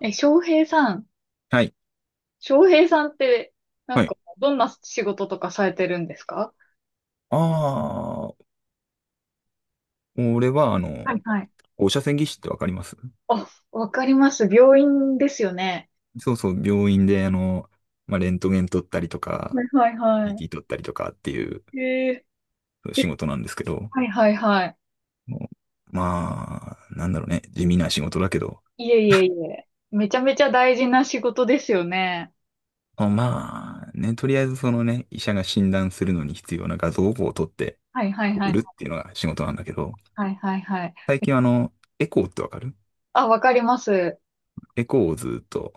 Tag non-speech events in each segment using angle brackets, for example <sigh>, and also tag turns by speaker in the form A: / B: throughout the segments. A: え、翔平さん、
B: はい。
A: 翔平さんって、なん
B: はい。
A: か、どんな仕事とかされてるんですか？
B: ああ、俺は、
A: はいはい。
B: 放射線技師ってわかります？
A: あ、わかります。病院ですよね。
B: そうそう、病院で、レントゲン撮ったりと
A: は
B: か、
A: いはいは
B: CT 撮ったりとかっていう
A: い。ええ、
B: 仕事なんですけど、
A: はいはいはい。
B: もうまあ、なんだろうね、地味な仕事だけど、
A: いえいえいえ。めちゃめちゃ大事な仕事ですよね。
B: あ、まあ、ね、とりあえずそのね、医者が診断するのに必要な画像を撮って
A: はいはいは
B: 送
A: い。
B: るっていうのが仕事なんだけど、
A: はいはいはい。
B: 最近はエコーってわかる？
A: あ、わかります。
B: エコーをずっと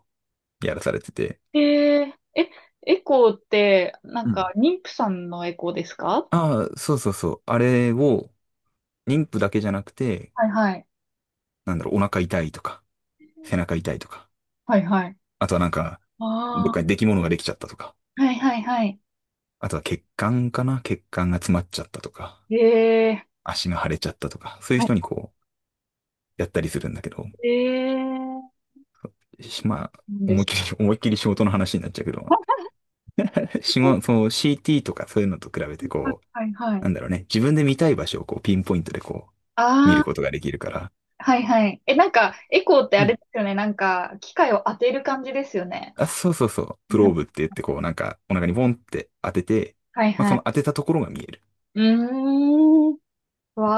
B: やらされてて、
A: えええ、エコーって、なん
B: う
A: か、
B: ん。
A: 妊婦さんのエコーですか？
B: ああ、そうそうそう。あれを、妊婦だけじゃなくて、
A: はいはい。
B: なんだろう、お腹痛いとか、背中痛いとか、
A: はいはい。
B: あとはなんか、どっ
A: あ
B: かに出来物ができちゃったとか、
A: あ、はいはいはい。
B: あとは血管かな、血管が詰まっちゃったとか、
A: ええ
B: 足が腫れちゃったとか、そういう人にこう、やったりするんだけど、
A: えー、
B: しまあ、
A: なんで
B: 思いっ
A: す。
B: きり、<laughs> 思いっきり仕事の話になっちゃうけど、仕事、その CT とかそういうのと比べてこう、
A: はいはいは
B: な
A: い。
B: んだろうね、自分で見たい場所をこう、ピンポイントでこう、見
A: あ
B: る
A: あ、
B: ことができるから、
A: はいはい。なんか、エコーって
B: う
A: あれ
B: ん。
A: ですよね。なんか、機械を当てる感じですよね。
B: あ、そうそうそう、プローブって言ってこう、なんか、お腹にボンって当てて、
A: はい
B: まあ、
A: は
B: その
A: い。
B: 当てたところが見える。
A: うーん。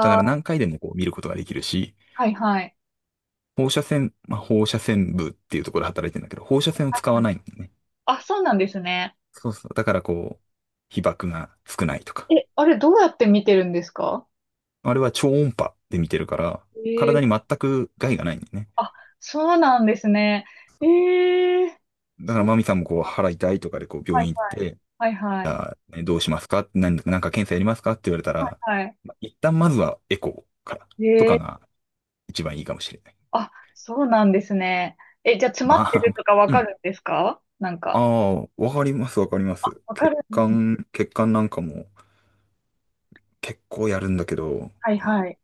B: だか
A: あ、
B: ら何回でもこう見ることができるし、
A: はいはい。
B: 放射線、まあ、放射線部っていうところで働いてるんだけど、放射線を使わないんだよね。
A: あ、そうなんですね。
B: そうそう。だからこう、被曝が少ないとか。
A: あれどうやって見てるんですか？
B: あれは超音波で見てるから、
A: ええ、
B: 体に全く害がないんだよね。
A: あ、そうなんですね。ええ、
B: だか
A: そ
B: ら
A: う
B: マミさんもこう、
A: か。
B: 腹痛いとかでこう、
A: は
B: 病
A: い
B: 院行っ
A: はい。
B: て、
A: はいは
B: じ
A: い。
B: ゃあ、ね、どうしますか？何、なんか検査やりますか？って言われたら、
A: はい。
B: まあ一旦まずはエコーからとか
A: え
B: が一番いいかもしれない。
A: あ、そうなんですね。じゃあ詰ま
B: ま
A: ってると
B: あ、
A: かわ
B: う
A: か
B: ん。
A: るんですかなん
B: あ
A: か？
B: あ、わかります、わかります。
A: わか
B: 血
A: るんです。
B: 管、血管なんかも結構やるんだけど、
A: はいはい。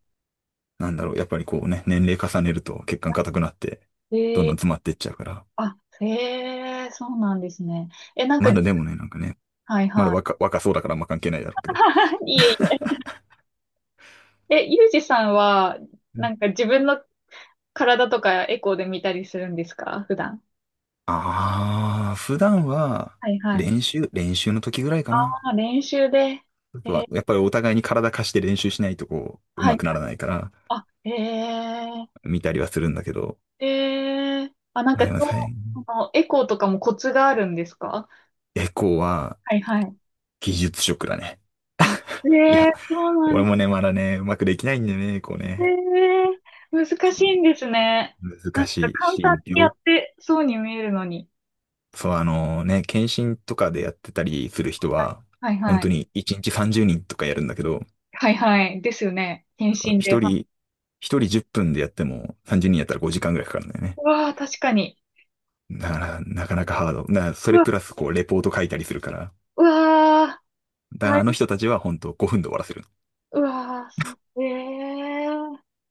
B: なんだろう、やっぱりこうね、年齢重ねると血管硬くなって、
A: え
B: どんど
A: ー、
B: ん詰まっていっちゃうから。
A: あ、へえ、そうなんですね。なんか、
B: まだでもね、なんかね、
A: はい
B: まだ
A: は
B: 若そうだからあんま関係ないだ
A: い。
B: ろうけど。
A: <laughs> いえいえ。ゆうじさんは、なんか自分の体とかエコーで見たりするんですか普段？
B: ああー、普段は
A: はいはい。
B: 練習の時ぐらいかな。
A: あ、練習で。
B: あ
A: え
B: とは
A: ー、
B: やっぱりお互いに体貸して練習しないとこう、上
A: は
B: 手
A: い。
B: くならないから、
A: あ、へえ、
B: 見たりはするんだけど。
A: あ、なん
B: まあ
A: か、
B: でも
A: そ
B: さ、
A: のエコーとかもコツがあるんですか？
B: エコーは
A: はいはい。
B: 技術職だね。
A: あ、
B: い
A: え
B: や、
A: え、そうなん
B: 俺
A: で
B: も
A: す
B: ね、まだね、うまくできないんだよね、こう
A: ね。
B: ね。
A: ええ、難しいんですね。な
B: 難
A: んか
B: しい
A: 簡単
B: し、
A: にやってそうに見えるのに。
B: そう、検診とかでやってたりする人は、
A: はい
B: 本
A: は
B: 当
A: い。
B: に1日30人とかやるんだけど、
A: はいはい。ですよね。検診で。
B: 一人、一人10分でやっても30人やったら5時間ぐらいかかるんだよね。
A: うわー、確かに。
B: だから、なかなかハード。だから、そ
A: う
B: れ
A: わ、
B: プラスこう、レポート書いたりするから。
A: うわー、
B: だから、
A: 大、
B: あの人たちは本当5分で終わらせる。
A: うわー、そう。ええ、う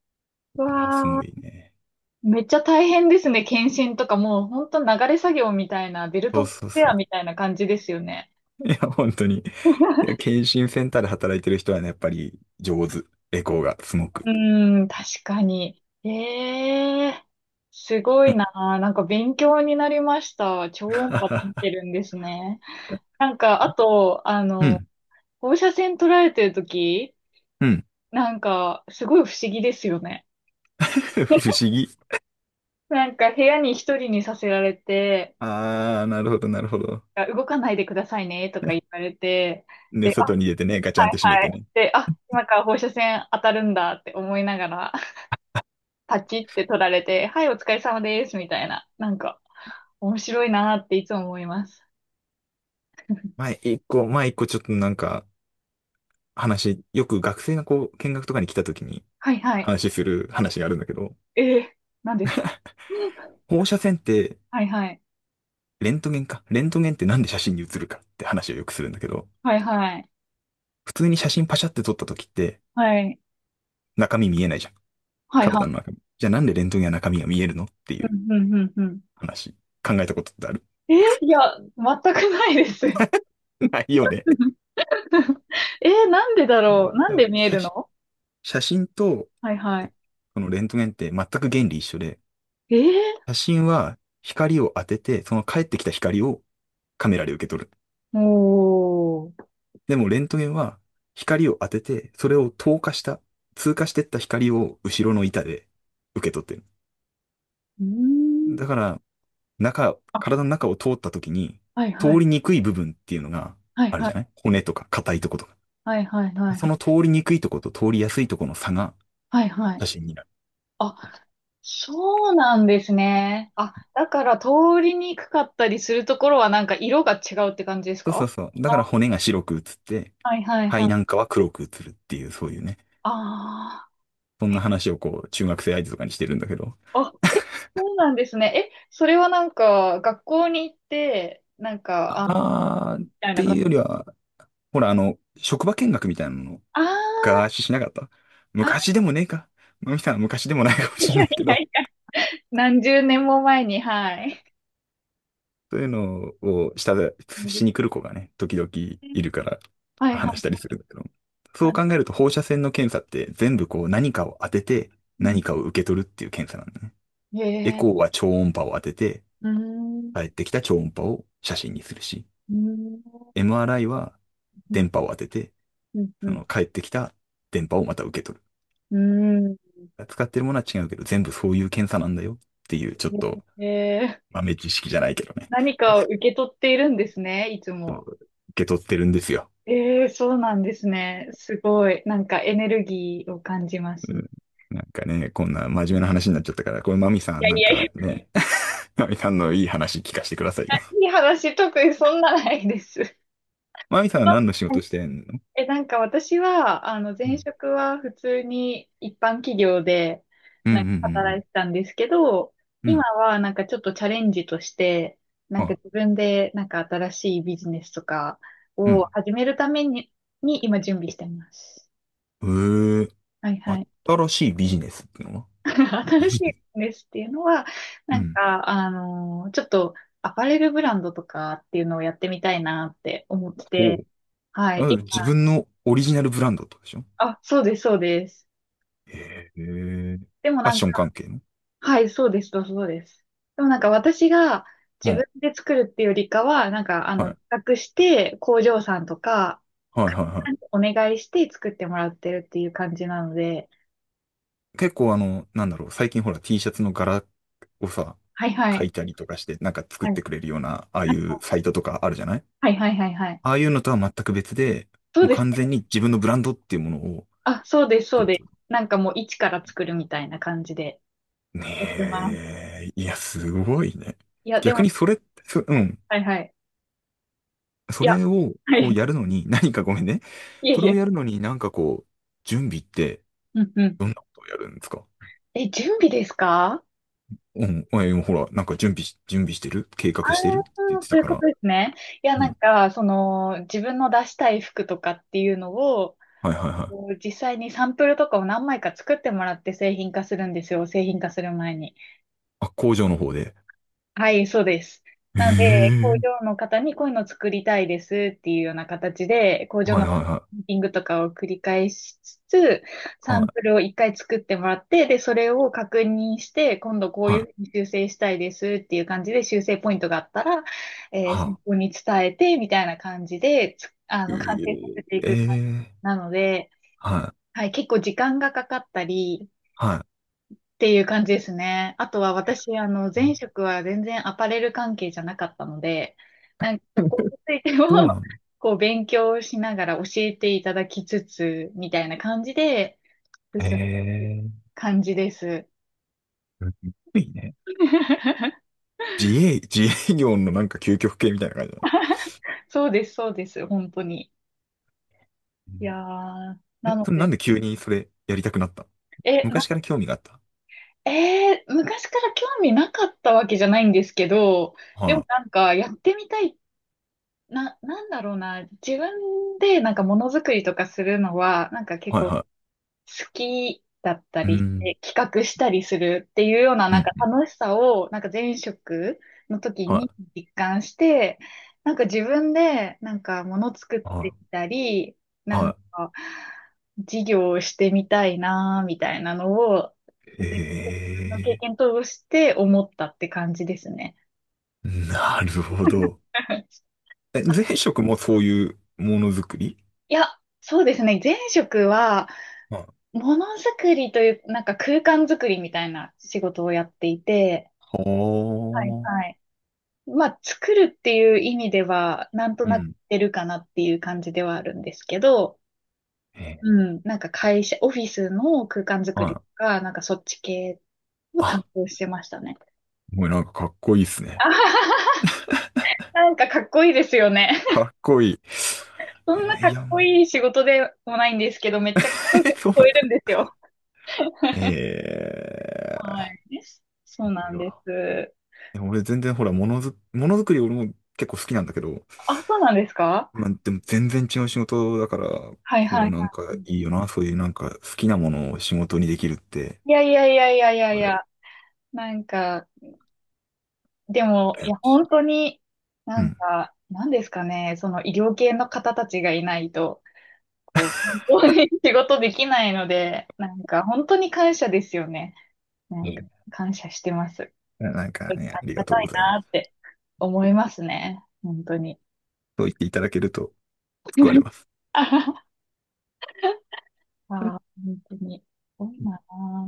B: だから、すご
A: わ
B: い
A: ー。
B: ね。
A: めっちゃ大変ですね。検診とかもうほんと流れ作業みたいな、ベル
B: そ
A: ト
B: う
A: コ
B: そ
A: ン
B: う
A: ベ
B: そ
A: ア
B: う。
A: みたいな感じですよね。
B: いや、本当に。いや、検診センターで働いてる人はね、やっぱり上手。エコーがすごく。
A: うーん、確かに。ええ、すごいなあ。なんか勉強になりました。
B: <laughs>
A: 超音波
B: は
A: 見て
B: は、
A: るんですね。なんか、あと、
B: うん、
A: 放射線捉えてるとき、
B: うん。
A: なんか、すごい不思議ですよね。
B: <laughs> 不思議。
A: なんか、部屋に一人にさせられて、
B: ああ、なるほど、なるほど。
A: あ、動かないでくださいね、とか言われて、
B: で、
A: で、あ、
B: 外に出てね、ガチャ
A: は
B: ンっ
A: い
B: て閉め
A: は
B: て
A: い。
B: ね。
A: で、あ、今から放射線当たるんだって思いながら、パチって取られて、はい、お疲れ様です、みたいな。なんか、面白いなーっていつも思います。
B: 前一個ちょっとなんか話、よく学生がこう見学とかに来た時に
A: はいはい。
B: 話する話があるんだけど、
A: ええ、何ですか？うん。
B: 放射線って、
A: <laughs> はいはい。
B: レントゲンか。レントゲンってなんで写真に写るかって話をよくするんだけど、
A: はいはい。
B: 普通に写真パシャって撮った時って
A: はい。
B: 中身見えないじゃん。
A: はいは
B: 体の
A: い。
B: 中身。じゃあなんでレントゲンは中身が見えるのってい
A: う
B: う
A: んうんうんうん。
B: 話。考えたことってある？
A: ええ、いや、全くないです。<laughs>
B: <laughs> ないよね。
A: なんでだろう、なんで見え
B: 写
A: る
B: 真
A: の？
B: 写真と、
A: はいは
B: え
A: い。
B: このレントゲンって全く原理一緒で、
A: え
B: 写真は光を当てて、その返ってきた光をカメラで受け取る。
A: おー。
B: でもレントゲンは光を当てて、それを透過した、通過してった光を後ろの板で受け取ってる。
A: うー
B: だ
A: ん。
B: から、中、体の中を通った時に、
A: はい
B: 通
A: はい。
B: りにくい部分っていうのが
A: はい
B: ある
A: は
B: じゃない？
A: い。
B: 骨とか硬いとことか。
A: はいはいはいは
B: その
A: い。
B: 通りにくいとこと通りやすいとこの差が
A: はいはい。
B: 写真になる。
A: あ、そうなんですね。あ、だから通りにくかったりするところはなんか色が違うって感じです
B: そうそ
A: か？
B: うそう。だから骨が白く映って、
A: はいはいは
B: 肺
A: い。
B: なんかは黒く映るっていう、そういうね。
A: あ
B: そん
A: あ、
B: な話をこう、中学生相手とかにしてるんだけど。
A: あ、そうなんですね。それはなんか学校に行って、なんか、
B: ああー、っ
A: みたい
B: て
A: なこ
B: いう
A: と。
B: よりは、ほら、職場見学みたいなの、
A: あ
B: ガー
A: ー
B: シしなかった？
A: あ、
B: 昔でもねえか。まみさんは昔でもない
A: い
B: かもしれ
A: や
B: ないけ
A: いや
B: ど、
A: いや、<laughs> 何十年も前に、はい。
B: そういうのをした、
A: そうで
B: しに
A: す
B: 来る子がね、時々
A: ね、
B: いるから
A: はいは
B: 話したり
A: い
B: するんだけど。そ
A: は
B: う
A: い。
B: 考えると放射線の検査って全部こう何かを当てて
A: うん、
B: 何かを受け取るっていう検査なんだね。
A: へ
B: エ
A: え、
B: コーは超音波を当てて、
A: うーん、う
B: 帰ってきた超音波を写真にするし、
A: ーん、
B: MRI は
A: うん、
B: 電波を当てて、
A: う
B: そ
A: ん、
B: の帰ってきた電波をまた受け取
A: うん。うん、
B: る。使ってるものは違うけど、全部そういう検査なんだよっていう、ちょっと
A: へえ。
B: 豆知識じゃないけどね、
A: 何かを受け取っているんですね、いつも。
B: 受け取ってるんですよ。
A: ええ、そうなんですね。すごい。なんかエネルギーを感じま
B: う
A: すね。
B: ん、なんかね、こんな真面目な話になっちゃったから、これマミさ
A: い
B: ん
A: や
B: な
A: い
B: ん
A: やいや、
B: かね、<laughs> マミさんのいい話聞かせてくださいよ。
A: いい話、特にそんなないです。
B: <laughs> マミさんは
A: は
B: 何の仕
A: い。
B: 事してんの？
A: なんか私は、
B: う
A: 前
B: ん。
A: 職は普通に一般企業で、
B: うんう
A: なんか働
B: ん
A: いてたんですけど、
B: うんうん。う
A: 今
B: ん。
A: はなんかちょっとチャレンジとして、なんか
B: あ、
A: 自分でなんか新しいビジネスとか
B: う
A: を
B: ん。
A: 始めるために、に今準備してます。
B: へえー、
A: はいはい。
B: 新しいビジネスってのは、
A: <laughs>
B: ビ
A: 新し
B: ジネス。
A: いんですっていうのは、
B: う
A: なん
B: ん。
A: か、ちょっとアパレルブランドとかっていうのをやってみたいなって思って
B: ほ
A: て、
B: う。
A: はい。
B: あ、自分のオリジナルブランドってことでしょ？
A: あ、そうです、そうです。
B: へえ。フ
A: でも
B: ァッ
A: なん
B: ショ
A: か、
B: ン関係の、
A: はい、そうです、そうです。でもなんか私が
B: う
A: 自
B: ん。
A: 分で作るっていうよりかは、なんか、
B: はい。
A: 企画して工場さんとか、
B: はいはい
A: 会社さ
B: は
A: んにお願いして作ってもらってるっていう感じなので、
B: い。結構あの、なんだろう、最近ほら T シャツの柄をさ、
A: はいは
B: 描
A: い。
B: いたりとかして、なんか作っ
A: はい、
B: てくれるような、ああいうサイトとかあるじゃない？
A: はい、はい、はい、はい。はい、
B: ああいうのとは全く別で、
A: そう
B: もう
A: です。
B: 完全に自分のブランドっていうものを
A: あ、そうです、
B: 作
A: そう
B: るって
A: で
B: こ
A: す。なんかもう一から作るみたいな感じで
B: と
A: やってます。
B: ね。え、いや、すごいね。
A: いや、で
B: 逆
A: も、
B: にそれ、そ、うん。
A: はいはい。
B: そ
A: いや、
B: れを
A: は
B: こう
A: い。
B: やるのに、何か、ごめんね。
A: いえ
B: そ
A: い
B: れを
A: え。
B: やるのになんかこう、準備って、
A: うんうん。
B: どんなことをやるんですか？
A: 準備ですか？
B: うん。え、ほら、なんか準備してる計
A: あ
B: 画してるって言っ
A: あ、
B: て
A: そう
B: た
A: いう
B: か
A: こと
B: ら。
A: ですね。いや、
B: う
A: なん
B: ん。
A: か、自分の出したい服とかっていうのを、
B: はいはいは
A: こ
B: い。
A: う実際にサンプルとかを何枚か作ってもらって製品化するんですよ。製品化する前に。
B: あ、工場の方で。
A: はい、そうです。なので、工
B: え
A: 場
B: え、
A: の方にこういうの作りたいですっていうような形で、工場
B: はい
A: の
B: はいは
A: ミー
B: い。
A: ティングとかを繰り返しつつ、
B: は
A: サン
B: い、
A: プルを一回作ってもらって、で、それを確認して、今度こう
B: は
A: い
B: い、
A: うふうに修正したいですっていう感じで、修正ポイントがあったら、先
B: は
A: 方に伝えて、みたいな感じで、つあの、完成させ
B: い。
A: てい
B: え
A: く感じ
B: え、え、
A: なので、
B: はい、
A: はい、結構時間がかかったり、
B: は
A: っていう感じですね。あとは私、前職は全然アパレル関係じゃなかったので、なんか
B: い。
A: そこ
B: <laughs>
A: についても
B: そう
A: <laughs>
B: なんだ。
A: こう、勉強しながら教えていただきつつ、みたいな感じで進んでる
B: ええ、
A: 感じです。
B: すごいね。
A: <laughs>
B: 自営業のなんか究極系みたいな感じだな。
A: そうです、そうです、本当に。
B: う
A: いや
B: ん、
A: ー、な
B: え、
A: の
B: それな
A: で、
B: んで急にそれやりたくなった？
A: え、な、
B: 昔から興味があった？
A: えー昔から興味なかったわけじゃないんですけど、で
B: は
A: も
B: い、
A: なんかやってみたいな、なんだろうな、自分でなんかものづくりとかするのは、なんか結
B: はい、
A: 構好
B: は
A: きだった
B: い。う
A: りし
B: ん、
A: て、企画したりするっていうような
B: うん、
A: な
B: う
A: んか
B: ん、
A: 楽しさを、なんか前職の時
B: は
A: に実感して、なんか自分でなんかもの作っ
B: い、
A: て
B: は
A: みたり、
B: い、
A: な
B: は
A: ん
B: い。
A: か事業をしてみたいな、みたいなのを、前職の経
B: ええ、
A: 験通して思ったって感じですね。
B: なるほど。
A: <laughs>
B: え、前職もそういうものづくり？
A: いや、そうですね。前職は、
B: はい、
A: ものづくりという、なんか空間づくりみたいな仕事をやっていて、はい
B: は
A: は
B: あ。
A: い。まあ、作るっていう意味では、なんと
B: う
A: なくっ
B: ん。
A: てるかなっていう感じではあるんですけど、
B: ええ、
A: うん、なんか会社、オフィスの空間づく
B: は
A: りと
B: い。
A: か、なんかそっち系を担
B: あ、
A: 当してましたね。
B: もうなんかかっこいいですね。
A: あはは、なんかかっこいいですよね。
B: かっこいい。
A: <laughs> そんな
B: えー、
A: かっ
B: いや、
A: こいい仕事でもないんですけど、めっちゃかっこよく聞
B: <laughs> そう
A: こ
B: なんだ。
A: えるんですよ。は
B: ええ、
A: い。そう
B: い
A: な
B: い
A: んで
B: わ。
A: す。
B: でも俺全然ほら、ものづくり俺も結構好きなんだけど、
A: あ、そうなんですか？
B: まあでも全然違う仕事だから、
A: はい
B: こ
A: はいは
B: うなんか
A: い。
B: いいよな。そういうなんか好きなものを仕事にできるって、
A: いやいやいやいやいやい
B: 俺、
A: や、なんか、でも、
B: 羨
A: い
B: ま
A: や、
B: しい。
A: 本当に、
B: う
A: なん
B: ん。
A: か、なんですかね、その医療系の方たちがいないと、こう、本当に <laughs> 仕事できないので、なんか、本当に感謝ですよね。なんか、感謝してます。
B: なんか
A: あ
B: ね、あ
A: り
B: り
A: が
B: がと
A: た
B: うご
A: い
B: ざいま
A: なっ
B: す。
A: て思いますね。本当に。
B: そう言っていただけると救われま
A: <laughs>
B: す。
A: ああ、本当に。すごいなあ。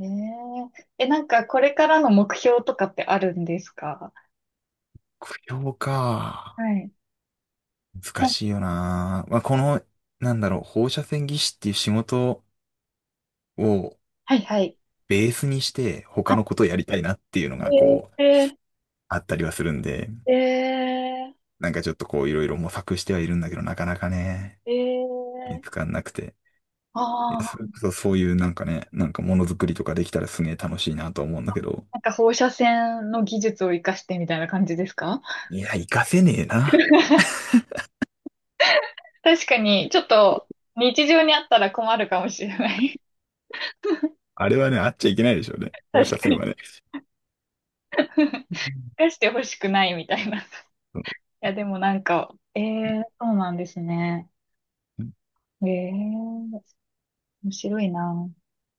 A: えええ、なんか、これからの目標とかってあるんですか？
B: 供養
A: は
B: か。
A: い。
B: 難
A: な
B: しいよな。まあ、この、なんだろう、放射線技師っていう仕事を
A: はい、はい。
B: ベースにして他のことをやりたいなっていうのがこう、
A: ええ
B: あったりはするんで、
A: ええ
B: なんかちょっとこういろいろ模索してはいるんだけど、なかなかね、見つ
A: ええ
B: かんなくて。いや、
A: あ
B: そ
A: あ
B: れこ
A: ー、
B: そそういうなんかね、なんかものづくりとかできたらすげえ楽しいなと思うんだけど、
A: なんか放射線の技術を活かしてみたいな感じですか？
B: いや、活かせねえな。
A: 確かに、ちょっと日常にあったら困るかもしれない。
B: あれはね、あっちゃいけないでしょうね。
A: <laughs>
B: 放
A: 確
B: 射
A: か
B: 線
A: に。
B: はね。
A: <laughs> 活かしてほしくないみたいな。いや、でもなんか、ええ、そうなんですね。ええ、面白いな。